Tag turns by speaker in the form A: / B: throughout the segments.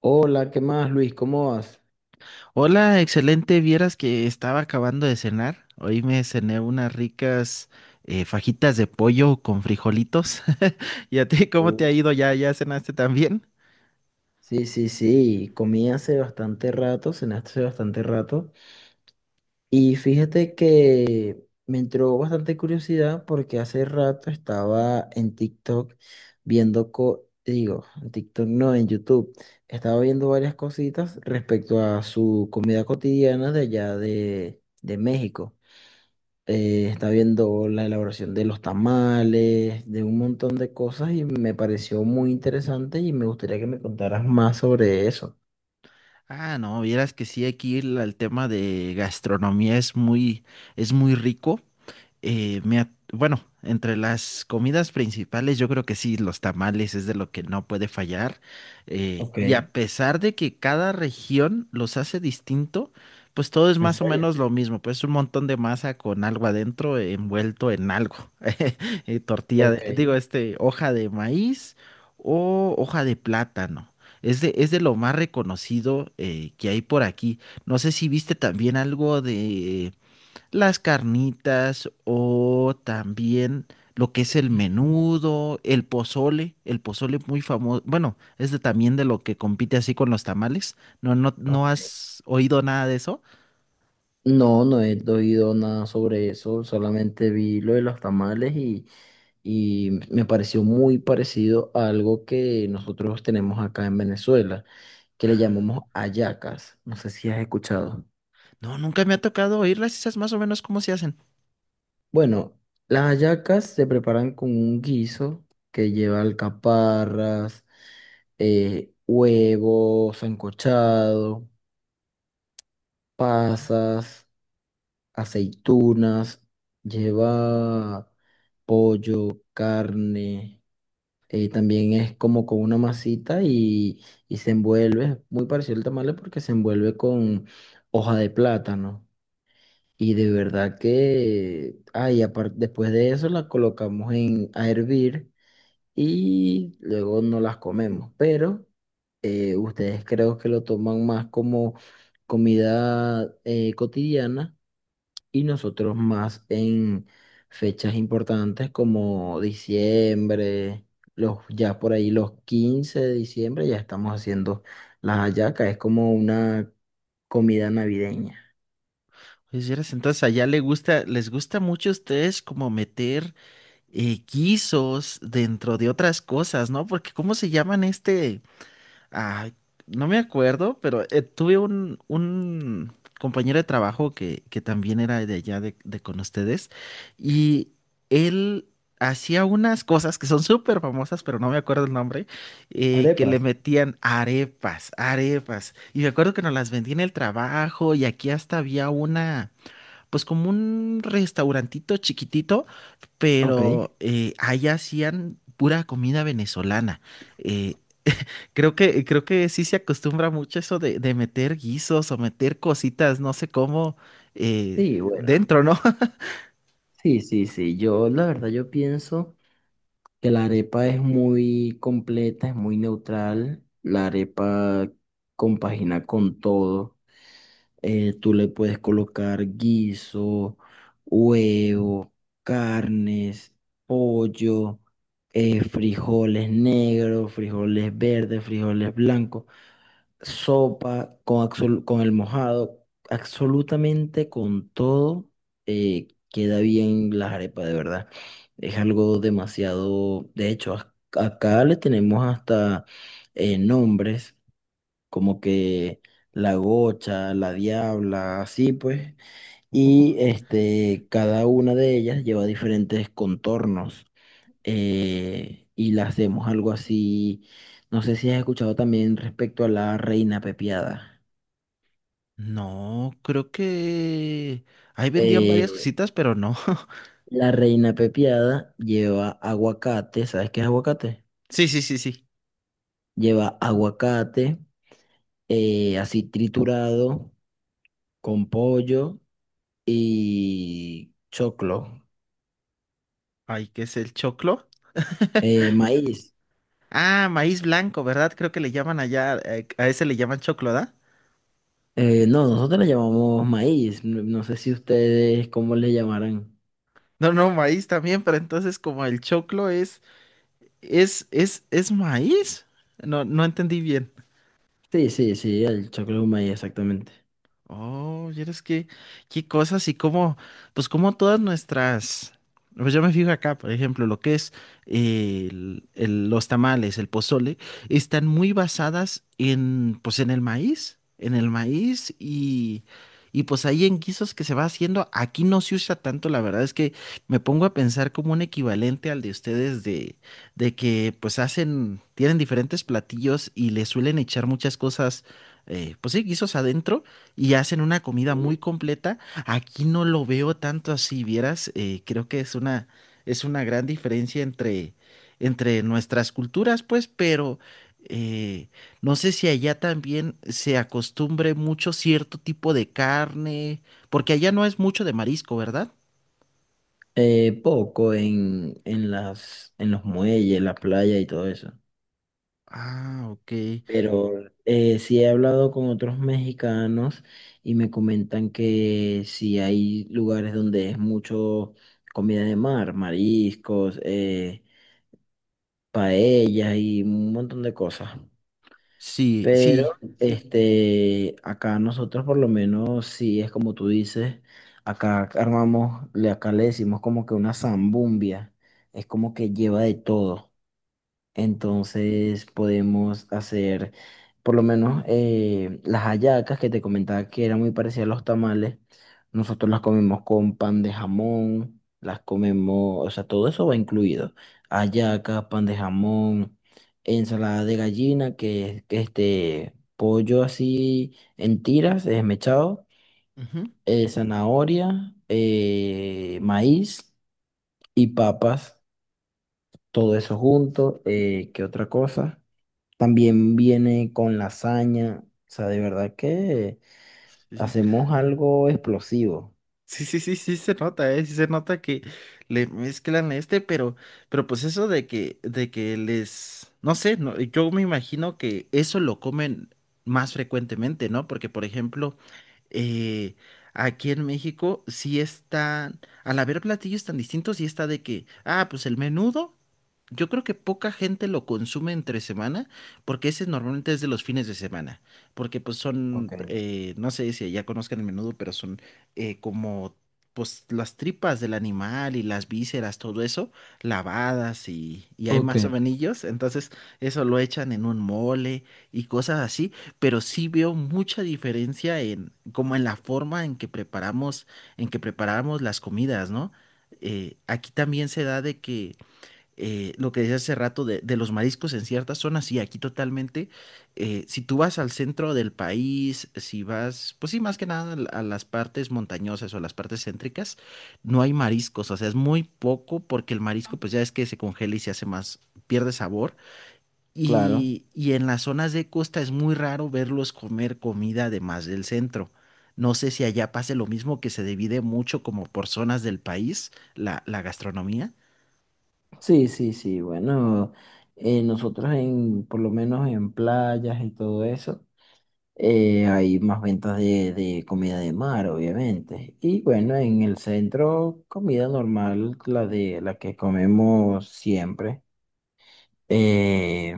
A: Hola, ¿qué más, Luis? ¿Cómo vas?
B: Hola, excelente. Vieras que estaba acabando de cenar. Hoy me cené unas ricas fajitas de pollo con frijolitos. ¿Y a ti cómo te
A: Uh,
B: ha ido? ¿Ya cenaste también?
A: Sí, sí, sí, comí hace bastante rato, cené hace bastante rato. Y fíjate que me entró bastante curiosidad porque hace rato estaba en TikTok viendo, digo, en TikTok no, en YouTube. Estaba viendo varias cositas respecto a su comida cotidiana de allá de México. Está viendo la elaboración de los tamales, de un montón de cosas y me pareció muy interesante y me gustaría que me contaras más sobre eso.
B: Ah, no, vieras que sí, aquí el tema de gastronomía es es muy rico. Bueno, entre las comidas principales, yo creo que sí, los tamales es de lo que no puede fallar.
A: Ok,
B: Y a
A: ¿en
B: pesar de que cada región los hace distinto, pues todo es más o
A: serio?
B: menos lo mismo. Pues un montón de masa con algo adentro, envuelto en algo. Tortilla,
A: Ok,
B: digo, este, hoja de maíz o hoja de plátano. Es de lo más reconocido que hay por aquí. No sé si viste también algo de las carnitas o también lo que es el menudo, el pozole muy famoso. Bueno, es de, también de lo que compite así con los tamales. No, no, ¿no
A: ok.
B: has oído nada de eso?
A: No, no he oído nada sobre eso, solamente vi lo de los tamales y me pareció muy parecido a algo que nosotros tenemos acá en Venezuela, que le llamamos hallacas. No sé si has escuchado.
B: No, nunca me ha tocado oírlas. ¿Y sabes más o menos cómo se hacen?
A: Bueno, las hallacas se preparan con un guiso que lleva alcaparras, huevos sancochado, pasas, aceitunas, lleva pollo, carne, también es como con una masita y se envuelve, muy parecido al tamale porque se envuelve con hoja de plátano. Y de verdad que, ay, aparte, después de eso la colocamos en, a hervir. Y luego no las comemos. Pero ustedes creo que lo toman más como comida cotidiana y nosotros más en fechas importantes como diciembre, los, ya por ahí los 15 de diciembre ya estamos haciendo las hallacas, es como una comida navideña.
B: Pues vieras, entonces allá le gusta, les gusta mucho a ustedes como meter guisos dentro de otras cosas, ¿no? Porque ¿cómo se llaman este? Ay, no me acuerdo, pero tuve un compañero de trabajo que también era de allá de con ustedes y él hacía unas cosas que son súper famosas, pero no me acuerdo el nombre, que le
A: Arepas.
B: metían arepas, arepas. Y me acuerdo que nos las vendía en el trabajo y aquí hasta había una, pues como un restaurantito chiquitito,
A: Ok,
B: pero ahí hacían pura comida venezolana. Eh, Creo que, creo que sí se acostumbra mucho eso de meter guisos o meter cositas, no sé cómo, eh,
A: sí, bueno,
B: dentro, ¿no?
A: sí, sí, sí, yo la verdad yo pienso que la arepa es muy completa, es muy neutral, la arepa compagina con todo, tú le puedes colocar guiso, huevo, carnes, pollo, frijoles negros, frijoles verdes, frijoles blancos, sopa con, con el mojado, absolutamente con todo, queda bien las arepas, de verdad. Es algo demasiado, de hecho, acá le tenemos hasta nombres como que la Gocha, la Diabla, así pues,
B: Ujú.
A: y este, cada una de ellas lleva diferentes contornos, y la hacemos algo así, no sé si has escuchado también respecto a la Reina Pepiada.
B: No, creo que ahí vendían varias
A: Eh,
B: cositas, pero no.
A: la Reina Pepiada lleva aguacate, ¿sabes qué es aguacate?
B: Sí, sí, sí, sí.
A: Lleva aguacate así triturado con pollo y choclo,
B: Ay, ¿qué es el choclo?
A: maíz.
B: Ah, maíz blanco, ¿verdad? Creo que le llaman allá, a ese le llaman choclo, ¿da?
A: No, nosotros le llamamos maíz. No, no sé si ustedes cómo le llamarán.
B: No, no, maíz también, pero entonces como el choclo es maíz. No, no entendí bien.
A: Sí, sí, sí, el choclo es un maíz, exactamente.
B: Oh, y eres que, qué cosas y cómo, pues como todas nuestras, pues yo me fijo acá, por ejemplo, lo que es los tamales, el pozole, están muy basadas en, pues en el maíz y pues ahí en guisos que se va haciendo, aquí no se usa tanto, la verdad es que me pongo a pensar como un equivalente al de ustedes de que pues hacen, tienen diferentes platillos y le suelen echar muchas cosas, pues sí, guisos adentro y hacen una comida muy
A: Sí.
B: completa. Aquí no lo veo tanto así, vieras, creo que es una gran diferencia entre, entre nuestras culturas, pues, pero eh, no sé si allá también se acostumbre mucho cierto tipo de carne, porque allá no es mucho de marisco, ¿verdad?
A: Poco en las, en los muelles, en la playa y todo eso.
B: Ah, ok.
A: Pero sí he hablado con otros mexicanos y me comentan que sí hay lugares donde es mucho comida de mar, mariscos, paellas y un montón de cosas.
B: Sí,
A: Pero
B: sí.
A: este, acá nosotros por lo menos, si es como tú dices, acá armamos, acá le decimos como que una zambumbia, es como que lleva de todo. Entonces podemos hacer por lo menos las hallacas que te comentaba que eran muy parecidas a los tamales. Nosotros las comemos con pan de jamón, las comemos, o sea, todo eso va incluido. Hallacas, pan de jamón, ensalada de gallina, que es que este pollo así en tiras, desmechado,
B: Ujú,
A: zanahoria, maíz y papas, todo eso junto. ¿Qué otra cosa? También viene con lasaña. O sea, de verdad que
B: sí, sí.
A: hacemos algo explosivo.
B: Sí, sí, sí, sí se nota, ¿eh? Sí se nota que le mezclan este, pero pues eso de que les, no sé, no, yo me imagino que eso lo comen más frecuentemente, ¿no? Porque, por ejemplo, eh, aquí en México sí están, al haber platillos tan distintos, sí está de que, ah, pues el menudo, yo creo que poca gente lo consume entre semana, porque ese normalmente es de los fines de semana, porque pues son,
A: Ok,
B: no sé si ya conozcan el menudo, pero son como pues las tripas del animal y las vísceras, todo eso, lavadas y hay
A: ok,
B: más
A: ok.
B: sovenillos, entonces eso lo echan en un mole y cosas así, pero sí veo mucha diferencia en como en la forma en que preparamos las comidas, ¿no? Aquí también se da de que lo que decía hace rato de los mariscos en ciertas zonas, y aquí totalmente. Si tú vas al centro del país, si vas, pues sí, más que nada a las partes montañosas o a las partes céntricas, no hay mariscos, o sea, es muy poco porque el marisco, pues ya es que se congela y se hace más, pierde sabor.
A: Claro.
B: Y en las zonas de costa es muy raro verlos comer comida además del centro. No sé si allá pase lo mismo, que se divide mucho como por zonas del país, la gastronomía.
A: Sí, sí, sí. Bueno, nosotros en, por lo menos en playas y todo eso, hay más ventas de comida de mar, obviamente. Y bueno, en el centro, comida normal, la de la que comemos siempre. Eh,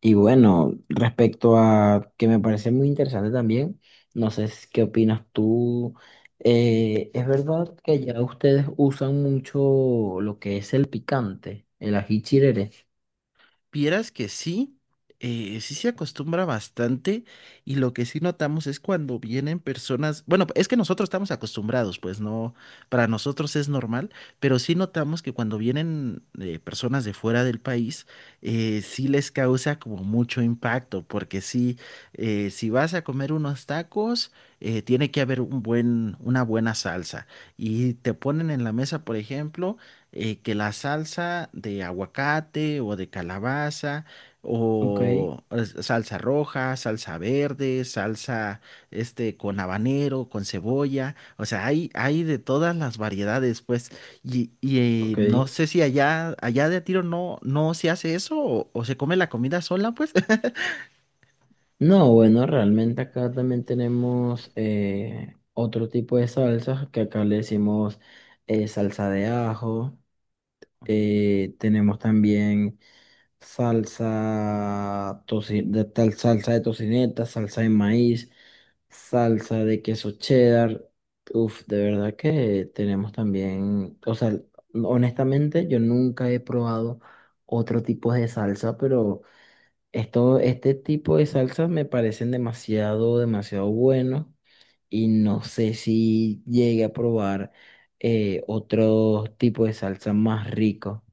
A: y bueno, respecto a que me parece muy interesante también, no sé si- qué opinas tú. Es verdad que ya ustedes usan mucho lo que es el picante, el ají chirere.
B: Vieras que sí, sí se acostumbra bastante y lo que sí notamos es cuando vienen personas, bueno, es que nosotros estamos acostumbrados, pues no, para nosotros es normal, pero sí notamos que cuando vienen personas de fuera del país, sí les causa como mucho impacto, porque sí, si vas a comer unos tacos, tiene que haber un buen, una buena salsa y te ponen en la mesa, por ejemplo que la salsa de aguacate o de calabaza
A: Ok,
B: salsa roja, salsa verde, salsa este con habanero, con cebolla, o sea, hay de todas las variedades, pues, y,
A: ok.
B: no sé si allá, allá de a tiro no, no se hace eso o se come la comida sola, pues,
A: No, bueno, realmente acá también tenemos otro tipo de salsas que acá le decimos salsa de ajo. Tenemos también. De tal salsa de tocineta, salsa de maíz, salsa de queso cheddar. Uf, de verdad que tenemos también, o sea, honestamente yo nunca he probado otro tipo de salsa, pero esto, este tipo de salsas me parecen demasiado, demasiado buenos y no sé si llegue a probar otro tipo de salsa más rico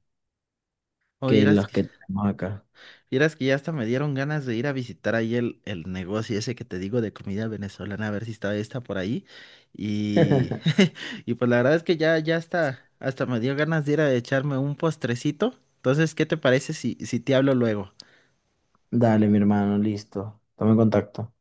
B: o
A: que
B: vieras.
A: los que tenemos acá.
B: Vieras que ya hasta me dieron ganas de ir a visitar ahí el negocio ese que te digo de comida venezolana, a ver si está esta por ahí. Y, y pues la verdad es que ya, ya hasta, hasta me dio ganas de ir a echarme un postrecito. Entonces, ¿qué te parece si, si te hablo luego?
A: Dale, mi hermano, listo. Toma en contacto.